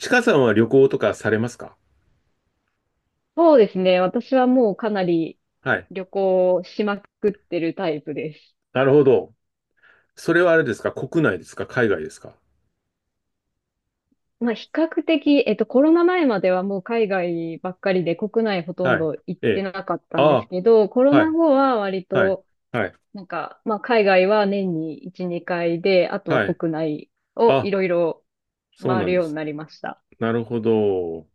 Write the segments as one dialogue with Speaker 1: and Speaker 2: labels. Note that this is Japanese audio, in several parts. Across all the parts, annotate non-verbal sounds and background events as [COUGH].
Speaker 1: ちかさんは旅行とかされますか？
Speaker 2: そうですね。私はもうかなり
Speaker 1: はい。
Speaker 2: 旅行しまくってるタイプです。
Speaker 1: なるほど。それはあれですか？国内ですか？海外ですか？
Speaker 2: まあ比較的、コロナ前まではもう海外ばっかりで国内ほとん
Speaker 1: はい。
Speaker 2: ど行っ
Speaker 1: え
Speaker 2: て
Speaker 1: え。
Speaker 2: なかったんです
Speaker 1: あ
Speaker 2: けど、コロ
Speaker 1: あ、は
Speaker 2: ナ
Speaker 1: い。
Speaker 2: 後は割
Speaker 1: はい。
Speaker 2: と
Speaker 1: はい。
Speaker 2: なんか、まあ海外は年に1、2回で、あとは
Speaker 1: はい。
Speaker 2: 国内をい
Speaker 1: あ、
Speaker 2: ろいろ
Speaker 1: そう
Speaker 2: 回
Speaker 1: な
Speaker 2: る
Speaker 1: んで
Speaker 2: ように
Speaker 1: す。
Speaker 2: なりました。
Speaker 1: なるほど。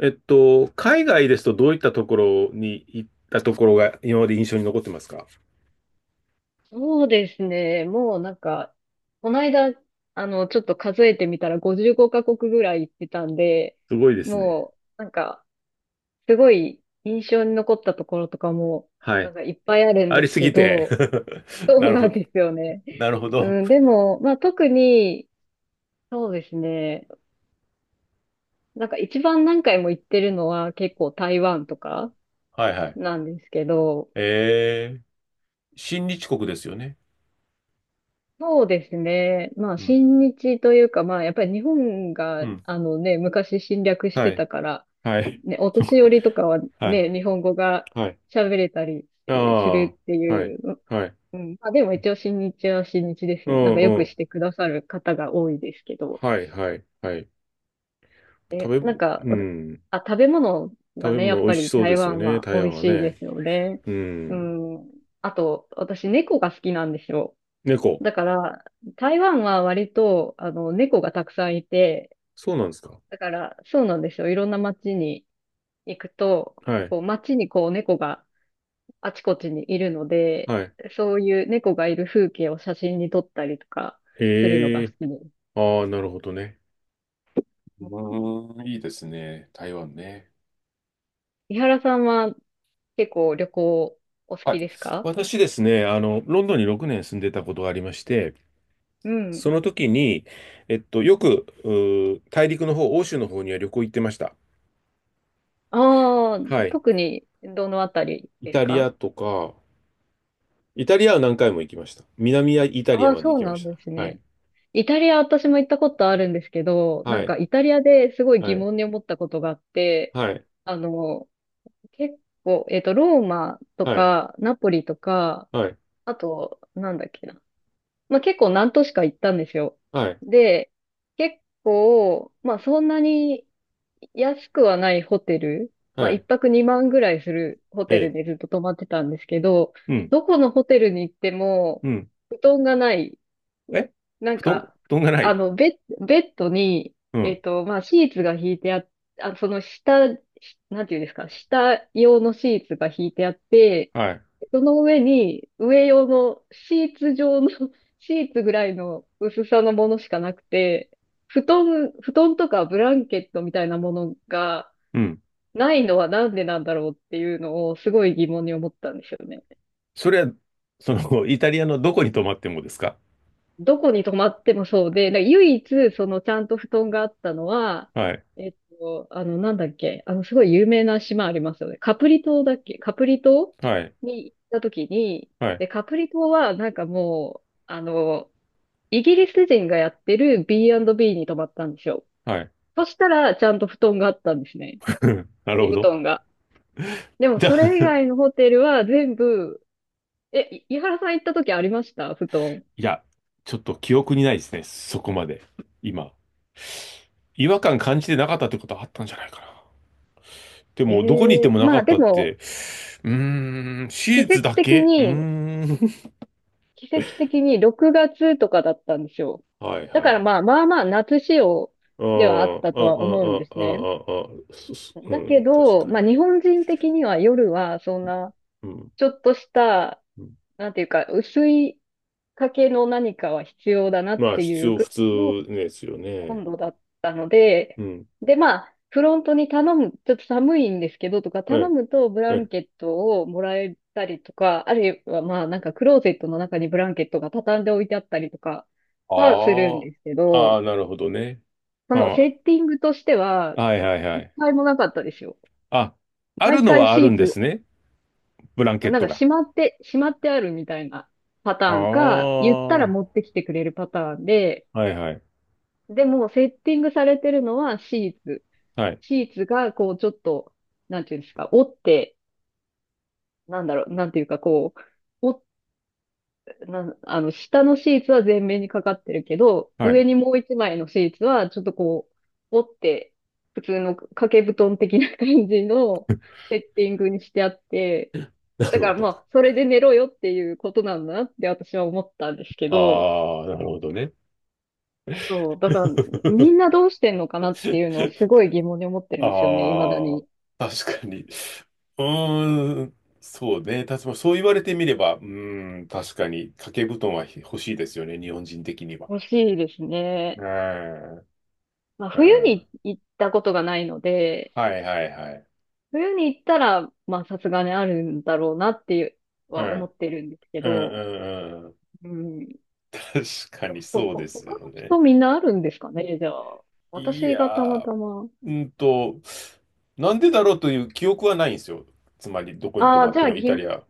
Speaker 1: 海外ですとどういったところに行ったところが今まで印象に残ってますか？
Speaker 2: そうですね。もうなんか、この間、ちょっと数えてみたら55カ国ぐらい行ってたんで、
Speaker 1: すごいですね。
Speaker 2: もう、なんか、すごい印象に残ったところとかも、
Speaker 1: は
Speaker 2: なん
Speaker 1: い。
Speaker 2: かいっぱいあるん
Speaker 1: あ
Speaker 2: で
Speaker 1: り
Speaker 2: す
Speaker 1: す
Speaker 2: け
Speaker 1: ぎて。
Speaker 2: ど、
Speaker 1: [LAUGHS]
Speaker 2: そ
Speaker 1: な
Speaker 2: う
Speaker 1: るほ
Speaker 2: なん
Speaker 1: ど。
Speaker 2: ですよね。
Speaker 1: なるほど。
Speaker 2: うん、でも、まあ特に、そうですね。なんか一番何回も行ってるのは結構台湾とか
Speaker 1: はいはい。
Speaker 2: なんですけど、
Speaker 1: えー、親日国ですよね。
Speaker 2: そうですね。まあ
Speaker 1: うん。
Speaker 2: 親日というか、まあやっぱり日本
Speaker 1: う
Speaker 2: が、
Speaker 1: ん。
Speaker 2: あのね、昔侵略し
Speaker 1: は
Speaker 2: て
Speaker 1: い。
Speaker 2: たから、
Speaker 1: はい。
Speaker 2: ね、お年寄りとかは
Speaker 1: [LAUGHS] はい。
Speaker 2: ね、日本語が
Speaker 1: はい。
Speaker 2: 喋れたり
Speaker 1: あ
Speaker 2: するって
Speaker 1: あ、は
Speaker 2: い
Speaker 1: い、
Speaker 2: う。
Speaker 1: はい。
Speaker 2: うん。まあでも一応新日は新日です
Speaker 1: う
Speaker 2: ね。なん
Speaker 1: ん
Speaker 2: かよ
Speaker 1: う
Speaker 2: く
Speaker 1: ん。
Speaker 2: してくださる方が多いですけど。
Speaker 1: はい、はい、はい。食
Speaker 2: え、なん
Speaker 1: べ、
Speaker 2: か、
Speaker 1: う
Speaker 2: わた
Speaker 1: ん。
Speaker 2: あ、食べ物
Speaker 1: 食
Speaker 2: が
Speaker 1: べ
Speaker 2: ね、や
Speaker 1: 物
Speaker 2: っ
Speaker 1: 美
Speaker 2: ぱ
Speaker 1: 味し
Speaker 2: り
Speaker 1: そうで
Speaker 2: 台
Speaker 1: すよ
Speaker 2: 湾
Speaker 1: ね、
Speaker 2: は
Speaker 1: 台
Speaker 2: 美味
Speaker 1: 湾は
Speaker 2: しいで
Speaker 1: ね。
Speaker 2: すよね。
Speaker 1: う
Speaker 2: う
Speaker 1: ん。
Speaker 2: ん。あと、私猫が好きなんですよ。
Speaker 1: 猫。
Speaker 2: だから、台湾は割と、猫がたくさんいて、
Speaker 1: そうなんですか。
Speaker 2: だから、そうなんですよ。いろんな街に行くと、
Speaker 1: はい、
Speaker 2: こう、街にこう、猫があちこちにいるので、
Speaker 1: はい。
Speaker 2: そういう猫がいる風景を写真に撮ったりとかするの
Speaker 1: へ
Speaker 2: が好
Speaker 1: え。
Speaker 2: きです。
Speaker 1: ああ、なるほどね。うーん、いいですね。台湾ね。
Speaker 2: 伊原さんは結構旅行お好
Speaker 1: はい。
Speaker 2: きですか？
Speaker 1: 私ですね、ロンドンに6年住んでたことがありまして、
Speaker 2: う
Speaker 1: そ
Speaker 2: ん。
Speaker 1: の時に、よく、大陸の方、欧州の方には旅行行ってました。
Speaker 2: ああ、
Speaker 1: はい。
Speaker 2: 特にどのあたり
Speaker 1: イ
Speaker 2: です
Speaker 1: タリ
Speaker 2: か？
Speaker 1: アとか、イタリアは何回も行きました。南イタリ
Speaker 2: あ
Speaker 1: ア
Speaker 2: あ、
Speaker 1: まで
Speaker 2: そ
Speaker 1: 行
Speaker 2: う
Speaker 1: きま
Speaker 2: なん
Speaker 1: し
Speaker 2: です
Speaker 1: た。はい。
Speaker 2: ね。イタリア私も行ったことあるんですけど、な
Speaker 1: は
Speaker 2: んか
Speaker 1: い。
Speaker 2: イタリアですごい
Speaker 1: は
Speaker 2: 疑
Speaker 1: い。
Speaker 2: 問に思ったことがあって、
Speaker 1: はい。
Speaker 2: あの、結構、ローマと
Speaker 1: はい。
Speaker 2: か、ナポリとか、
Speaker 1: はい。
Speaker 2: あと、なんだっけな。まあ結構何都市か行ったんですよ。
Speaker 1: はい。
Speaker 2: で、結構、まあそんなに安くはないホテル、まあ
Speaker 1: は
Speaker 2: 一
Speaker 1: い。
Speaker 2: 泊2万ぐらいするホ
Speaker 1: え
Speaker 2: テル
Speaker 1: え。
Speaker 2: でずっと泊まってたんですけど、
Speaker 1: うん。
Speaker 2: どこのホテルに行っても、
Speaker 1: うん。
Speaker 2: 布団がない。
Speaker 1: え。
Speaker 2: なん
Speaker 1: 布団、
Speaker 2: か、
Speaker 1: 布団がな
Speaker 2: あ
Speaker 1: い。
Speaker 2: の、ベベッドに、
Speaker 1: うん。
Speaker 2: まあシーツが敷いてあっ、あ、その下、なんていうんですか、下用のシーツが敷いてあって、
Speaker 1: はい。
Speaker 2: その上に、上用のシーツ状の [LAUGHS] シーツぐらいの薄さのものしかなくて、布団とかブランケットみたいなものが
Speaker 1: うん。
Speaker 2: ないのはなんでなんだろうっていうのをすごい疑問に思ったんですよね。
Speaker 1: それは、[LAUGHS] イタリアのどこに泊まってもですか？
Speaker 2: どこに泊まってもそうで、なんか唯一そのちゃんと布団があったのは、
Speaker 1: はい。
Speaker 2: えっなんだっけ、すごい有名な島ありますよね。カプリ島だっけ、カプリ島
Speaker 1: はい。
Speaker 2: に行った時に、
Speaker 1: はい。
Speaker 2: で、カプリ島はなんかもう、イギリス人がやってる B&B に泊まったんですよ。
Speaker 1: はい。
Speaker 2: そしたら、ちゃんと布団があったんですね。
Speaker 1: [LAUGHS] な
Speaker 2: 掛
Speaker 1: る
Speaker 2: け
Speaker 1: ほ
Speaker 2: 布団
Speaker 1: ど。
Speaker 2: が。で
Speaker 1: [LAUGHS]
Speaker 2: も、
Speaker 1: じゃ
Speaker 2: それ以
Speaker 1: あ、
Speaker 2: 外のホテルは全部、井原さん行った時ありました、布団？
Speaker 1: いや、ちょっと記憶にないですね。そこまで。今。違和感感じてなかったってことはあったんじゃないかな。で
Speaker 2: え
Speaker 1: も、どこに行って
Speaker 2: え
Speaker 1: も
Speaker 2: ー
Speaker 1: なか
Speaker 2: まあ
Speaker 1: っ
Speaker 2: で
Speaker 1: たって、
Speaker 2: も、
Speaker 1: うーん、シ
Speaker 2: 季
Speaker 1: ー
Speaker 2: 節
Speaker 1: だ
Speaker 2: 的
Speaker 1: けうー
Speaker 2: に、
Speaker 1: ん。
Speaker 2: 季節的に6月とかだったんですよ。
Speaker 1: [LAUGHS] はい
Speaker 2: だ
Speaker 1: は
Speaker 2: から
Speaker 1: い。
Speaker 2: まあまあまあ夏仕様
Speaker 1: ああ、
Speaker 2: ではあった
Speaker 1: ああ、
Speaker 2: とは思うんです
Speaker 1: あ
Speaker 2: ね。
Speaker 1: あ、ああ、そそう
Speaker 2: だけ
Speaker 1: ん、確
Speaker 2: ど、
Speaker 1: か
Speaker 2: ま
Speaker 1: に。
Speaker 2: あ日本人的には夜はそんな、
Speaker 1: うん。
Speaker 2: ちょっとした
Speaker 1: うん。
Speaker 2: なんていうか、薄い掛けの何かは必要だなっ
Speaker 1: まあ、
Speaker 2: て
Speaker 1: 必
Speaker 2: いう
Speaker 1: 要、
Speaker 2: ぐ
Speaker 1: 普
Speaker 2: ら
Speaker 1: 通
Speaker 2: いの
Speaker 1: ですよね。
Speaker 2: 温度だったの
Speaker 1: う
Speaker 2: で、
Speaker 1: ん。
Speaker 2: で、まあ、フロントに頼む、ちょっと寒いんですけどとか、頼
Speaker 1: はい。
Speaker 2: むとブラ
Speaker 1: は
Speaker 2: ン
Speaker 1: い。
Speaker 2: ケットをもらえたりとか、あるいはまあ、なんかクローゼットの中にブランケットが畳んで置いてあったりとかはするん
Speaker 1: あ
Speaker 2: ですけ
Speaker 1: あ、あ
Speaker 2: ど、
Speaker 1: あ、なるほどね。
Speaker 2: その
Speaker 1: あ
Speaker 2: セッティングとしては、
Speaker 1: あ、はいはいは
Speaker 2: 一
Speaker 1: い。
Speaker 2: 回もなかったですよ。
Speaker 1: あ、ある
Speaker 2: 毎
Speaker 1: の
Speaker 2: 回
Speaker 1: はあ
Speaker 2: シ
Speaker 1: る
Speaker 2: ー
Speaker 1: んで
Speaker 2: ツ
Speaker 1: すね。ブランケッ
Speaker 2: なん
Speaker 1: ト
Speaker 2: か
Speaker 1: が。
Speaker 2: しまってあるみたいなパタ
Speaker 1: あ
Speaker 2: ーンか、言ったら持っ
Speaker 1: あ、
Speaker 2: てきてくれるパターンで、
Speaker 1: はいはい。
Speaker 2: でもセッティングされてるのはシーツ。
Speaker 1: はい。
Speaker 2: シーツがこうちょっと、なんていうんですか、折って、なんだろう、なんていうかこう、折っなん、あの、下のシーツは全面にかかってるけど、
Speaker 1: はい。
Speaker 2: 上にもう一枚のシーツはちょっとこう、折って、普通の掛け布団的な感じのセッティングにしてあって、
Speaker 1: な
Speaker 2: だ
Speaker 1: る
Speaker 2: か
Speaker 1: ほ
Speaker 2: らま
Speaker 1: ど。
Speaker 2: あ、それで寝ろよっていうことなんだなって私は思ったんですけど、
Speaker 1: ああ、なるほどね。
Speaker 2: そう、だからみん
Speaker 1: [LAUGHS]
Speaker 2: などうしてんのかなっていうのをすごい疑問に思って
Speaker 1: あ
Speaker 2: るんですよね、未だに。
Speaker 1: あ、確かに。うーん、そうね。確かに、そう言われてみれば、うーん、確かに、掛け布団は欲しいですよね、日本人的には。
Speaker 2: 欲しいです
Speaker 1: う
Speaker 2: ね。
Speaker 1: ーん、
Speaker 2: まあ、
Speaker 1: う
Speaker 2: 冬
Speaker 1: ん。
Speaker 2: に行ったことがないので、
Speaker 1: はいはいはい。
Speaker 2: 冬に行ったら、まあ、さすがにあるんだろうなっていう
Speaker 1: う
Speaker 2: は思
Speaker 1: ん、
Speaker 2: ってるんですけ
Speaker 1: うん、う
Speaker 2: ど、
Speaker 1: ん、うん。
Speaker 2: うん。
Speaker 1: 確かにそうで
Speaker 2: 他
Speaker 1: す
Speaker 2: の
Speaker 1: よね。
Speaker 2: 人みんなあるんですかね、じゃあ。
Speaker 1: い
Speaker 2: 私がたま
Speaker 1: やー、
Speaker 2: たま。
Speaker 1: うんと、なんでだろうという記憶はないんですよ。つまり、どこに泊
Speaker 2: あ
Speaker 1: ま
Speaker 2: あ、
Speaker 1: っ
Speaker 2: じゃ
Speaker 1: て
Speaker 2: あ
Speaker 1: もイタリア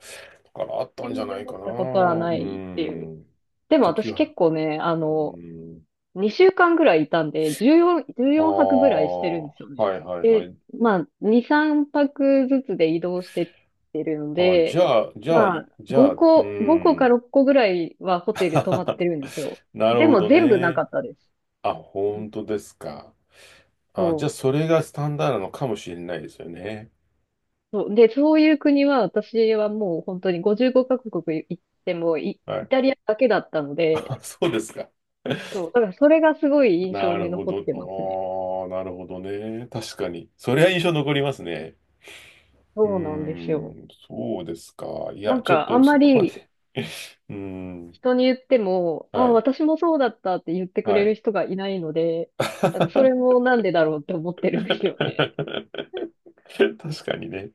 Speaker 1: からあった
Speaker 2: 疑
Speaker 1: んじゃ
Speaker 2: 問に
Speaker 1: ない
Speaker 2: 思
Speaker 1: か
Speaker 2: っ
Speaker 1: な。う
Speaker 2: たことは
Speaker 1: ー
Speaker 2: ないっていう。
Speaker 1: ん、
Speaker 2: でも
Speaker 1: 時
Speaker 2: 私
Speaker 1: は。
Speaker 2: 結構ね、
Speaker 1: うーん。
Speaker 2: 2週間ぐらいいたんで、
Speaker 1: ああ、
Speaker 2: 14泊ぐらいしてるん
Speaker 1: は
Speaker 2: ですよね。
Speaker 1: いはいはい。
Speaker 2: まあ、2、3泊ずつで移動してってるの
Speaker 1: ああ、じゃ
Speaker 2: で、
Speaker 1: あ、じゃあ、
Speaker 2: まあ、
Speaker 1: いじゃ
Speaker 2: 5
Speaker 1: あ、うー
Speaker 2: 個、5個か
Speaker 1: ん。
Speaker 2: 6個ぐらいはホテル泊まっ
Speaker 1: [LAUGHS]
Speaker 2: てるんですよ。
Speaker 1: なる
Speaker 2: で
Speaker 1: ほ
Speaker 2: も
Speaker 1: ど
Speaker 2: 全部なか
Speaker 1: ね。
Speaker 2: ったです。
Speaker 1: あ、
Speaker 2: うん。
Speaker 1: 本当ですか。あ、じゃあ、
Speaker 2: そ
Speaker 1: それがスタンダードなのかもしれないですよね。
Speaker 2: う。そう。で、そういう国は私はもう本当に55カ国行っても
Speaker 1: は
Speaker 2: イ
Speaker 1: い。
Speaker 2: タリアだけだったの
Speaker 1: [LAUGHS] あ、
Speaker 2: で、
Speaker 1: そうですか。
Speaker 2: そ
Speaker 1: [LAUGHS]
Speaker 2: う。だからそれがすごい印象
Speaker 1: な
Speaker 2: に
Speaker 1: るほ
Speaker 2: 残っ
Speaker 1: ど。
Speaker 2: てますね。
Speaker 1: ああ、なるほどね。確かに。それは印象残りますね。うー
Speaker 2: そうなんですよ。
Speaker 1: ん、そうですか。い
Speaker 2: な
Speaker 1: や、
Speaker 2: ん
Speaker 1: ちょっ
Speaker 2: かあ
Speaker 1: と
Speaker 2: んま
Speaker 1: そこま
Speaker 2: り
Speaker 1: で。うーん、
Speaker 2: 人に言っても、あ
Speaker 1: は
Speaker 2: あ、
Speaker 1: い、
Speaker 2: 私もそうだったって言ってく
Speaker 1: は
Speaker 2: れ
Speaker 1: い。
Speaker 2: る人がいないので、
Speaker 1: [LAUGHS]
Speaker 2: なんかそれもなんでだろうって思ってるんですよね。
Speaker 1: 確かにね。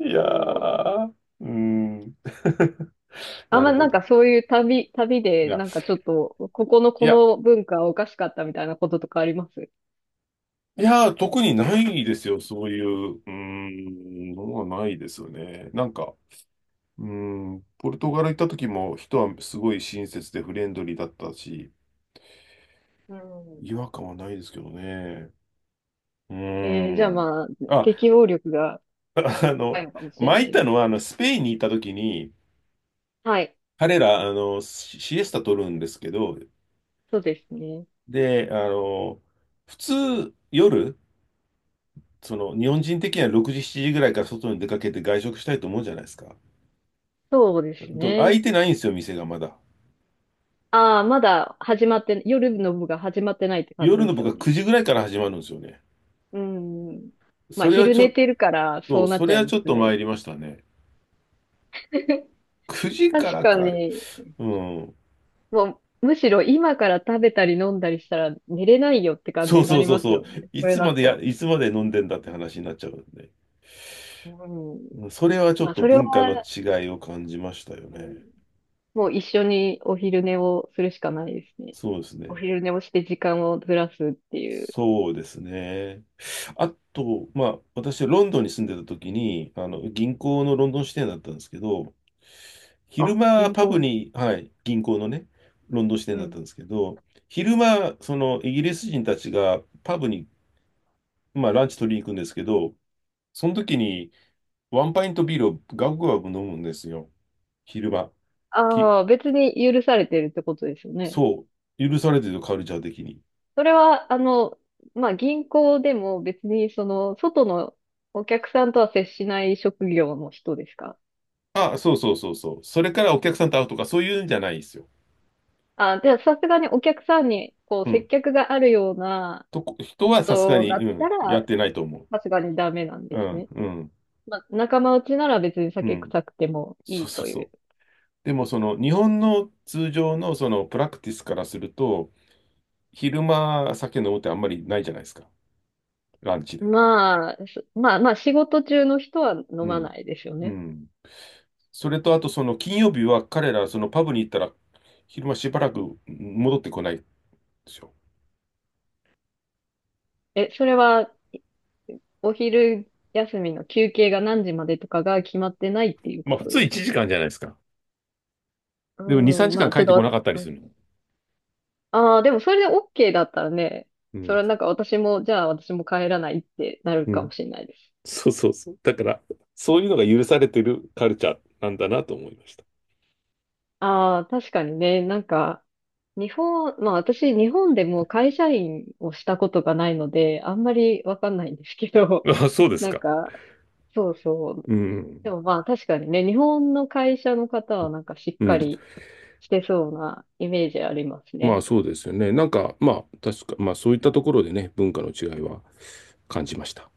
Speaker 1: いや
Speaker 2: そう。
Speaker 1: ー、うーん。[LAUGHS]
Speaker 2: あん
Speaker 1: なる
Speaker 2: ま
Speaker 1: ほ
Speaker 2: なん
Speaker 1: ど。
Speaker 2: かそういう旅
Speaker 1: い
Speaker 2: で
Speaker 1: や、
Speaker 2: なんかちょっと、ここの
Speaker 1: い
Speaker 2: こ
Speaker 1: や、
Speaker 2: の文化はおかしかったみたいなこととかあります？
Speaker 1: いやー、特にないですよ。そういう、うーん、のはないですよね。なんか、うーん、ポルトガル行った時も人はすごい親切でフレンドリーだったし、
Speaker 2: うん。
Speaker 1: 違和感はないですけどね。うー
Speaker 2: じゃあ
Speaker 1: ん。
Speaker 2: まあ、
Speaker 1: あ、
Speaker 2: 適応力が
Speaker 1: [LAUGHS] あ
Speaker 2: 高い
Speaker 1: の、
Speaker 2: のかもしれ
Speaker 1: 前
Speaker 2: な
Speaker 1: 行っ
Speaker 2: いで
Speaker 1: たの
Speaker 2: す。
Speaker 1: は、スペインに行った時に、
Speaker 2: はい。
Speaker 1: 彼ら、シシエスタ取るんですけど、
Speaker 2: そうですね。
Speaker 1: で、普通、夜、その日本人的には6時、7時ぐらいから外に出かけて外食したいと思うじゃないですか。
Speaker 2: そうです
Speaker 1: と開い
Speaker 2: ね。
Speaker 1: てないんですよ、店がまだ。
Speaker 2: ああ、まだ始まって、夜の部が始まってないって感じ
Speaker 1: 夜
Speaker 2: で
Speaker 1: の
Speaker 2: す
Speaker 1: 僕
Speaker 2: よ
Speaker 1: は
Speaker 2: ね。
Speaker 1: 9時ぐらいから始まるんですよね。
Speaker 2: うん。まあ、
Speaker 1: それは
Speaker 2: 昼
Speaker 1: ちょ
Speaker 2: 寝
Speaker 1: っ
Speaker 2: てるから、そうなっ
Speaker 1: そ
Speaker 2: ち
Speaker 1: れ
Speaker 2: ゃい
Speaker 1: は
Speaker 2: ま
Speaker 1: ちょっ
Speaker 2: す
Speaker 1: と
Speaker 2: ね。
Speaker 1: 参りましたね。
Speaker 2: [LAUGHS]
Speaker 1: 9時か
Speaker 2: 確
Speaker 1: ら
Speaker 2: か
Speaker 1: かい。
Speaker 2: に、
Speaker 1: うん。
Speaker 2: もう、むしろ今から食べたり飲んだりしたら寝れないよって感じ
Speaker 1: そう
Speaker 2: にな
Speaker 1: そう
Speaker 2: り
Speaker 1: そう
Speaker 2: ます
Speaker 1: そう。
Speaker 2: よね。それだと。
Speaker 1: いつまで飲んでんだって話になっちゃうんで。
Speaker 2: うん。
Speaker 1: それはちょ
Speaker 2: ま
Speaker 1: っ
Speaker 2: あ、
Speaker 1: と
Speaker 2: それは、
Speaker 1: 文化の違いを感じましたよ
Speaker 2: うん、
Speaker 1: ね。
Speaker 2: もう一緒にお昼寝をするしかないですね。
Speaker 1: そうです
Speaker 2: お
Speaker 1: ね。
Speaker 2: 昼寝をして時間をずらすっていう。
Speaker 1: そうですね。あと、まあ、私はロンドンに住んでた時に、銀行のロンドン支店だったんですけど、昼
Speaker 2: あ、
Speaker 1: 間
Speaker 2: 銀
Speaker 1: パブ
Speaker 2: 行です。
Speaker 1: に、はい、銀行のね、ロンドン支店
Speaker 2: う
Speaker 1: だったん
Speaker 2: ん。
Speaker 1: ですけど、昼間、そのイギリス人たちがパブに、まあ、ランチ取りに行くんですけど、その時にワンパイントビールをガブガブ飲むんですよ。昼間。き、
Speaker 2: ああ、別に許されてるってことですよね。
Speaker 1: そう、許されてるカルチャー的に。
Speaker 2: それは、まあ、銀行でも別に、その、外のお客さんとは接しない職業の人ですか？
Speaker 1: あ、そうそうそうそう。それからお客さんと会うとか、そういうんじゃないですよ。
Speaker 2: あ、じゃあ、さすがにお客さんに、こう、
Speaker 1: う
Speaker 2: 接
Speaker 1: ん
Speaker 2: 客があるような
Speaker 1: とこ、人はさすが
Speaker 2: 人
Speaker 1: に、
Speaker 2: だ
Speaker 1: う
Speaker 2: った
Speaker 1: ん、や
Speaker 2: ら、
Speaker 1: ってないと思
Speaker 2: さすがにダメなん
Speaker 1: う。う
Speaker 2: です
Speaker 1: ん、
Speaker 2: ね。
Speaker 1: うん、
Speaker 2: まあ、仲間内なら別に
Speaker 1: う
Speaker 2: 酒
Speaker 1: ん。
Speaker 2: 臭くてもい
Speaker 1: そう
Speaker 2: い
Speaker 1: そう
Speaker 2: と
Speaker 1: そ
Speaker 2: いう。
Speaker 1: う。でも、その、日本の通常の、その、プラクティスからすると、昼間、酒飲むってあんまりないじゃないですか。ランチで。
Speaker 2: まあ、まあ、仕事中の人は飲
Speaker 1: う
Speaker 2: ま
Speaker 1: ん、
Speaker 2: ないですよ
Speaker 1: う
Speaker 2: ね。
Speaker 1: ん。それと、あと、その、金曜日は彼ら、その、パブに行ったら、昼間しばらく戻ってこないんでしょ。
Speaker 2: え、それは、お昼休みの休憩が何時までとかが決まってないっていう
Speaker 1: ま
Speaker 2: こ
Speaker 1: あ、普
Speaker 2: と
Speaker 1: 通
Speaker 2: ですか？
Speaker 1: 1時間じゃないですか。
Speaker 2: う
Speaker 1: でも、2、3
Speaker 2: ん、
Speaker 1: 時
Speaker 2: ま
Speaker 1: 間
Speaker 2: あ、
Speaker 1: 帰
Speaker 2: ちょ
Speaker 1: っ
Speaker 2: っと
Speaker 1: てこ
Speaker 2: わ、
Speaker 1: なかったり
Speaker 2: う
Speaker 1: す
Speaker 2: ん、
Speaker 1: るの。
Speaker 2: ああ、でもそれで OK だったらね、
Speaker 1: う
Speaker 2: それ
Speaker 1: ん。
Speaker 2: はなんか私も、じゃあ私も帰らないってなる
Speaker 1: う
Speaker 2: か
Speaker 1: ん。
Speaker 2: もしれないです。
Speaker 1: そうそうそう。だから、そういうのが許されてるカルチャーなんだなと思いまし
Speaker 2: ああ、確かにね、なんか、日本、まあ私、日本でもう会社員をしたことがないので、あんまりわかんないんですけど、
Speaker 1: た。あ、
Speaker 2: [LAUGHS]
Speaker 1: そうです
Speaker 2: なん
Speaker 1: か。
Speaker 2: か、そうそう。
Speaker 1: う
Speaker 2: で
Speaker 1: ん。
Speaker 2: もまあ確かにね、日本の会社の方はなんかしっ
Speaker 1: う
Speaker 2: か
Speaker 1: ん。
Speaker 2: りしてそうなイメージあります
Speaker 1: まあ
Speaker 2: ね。
Speaker 1: そうですよね。なんか、まあ確か、まあそういったところでね、文化の違いは感じました。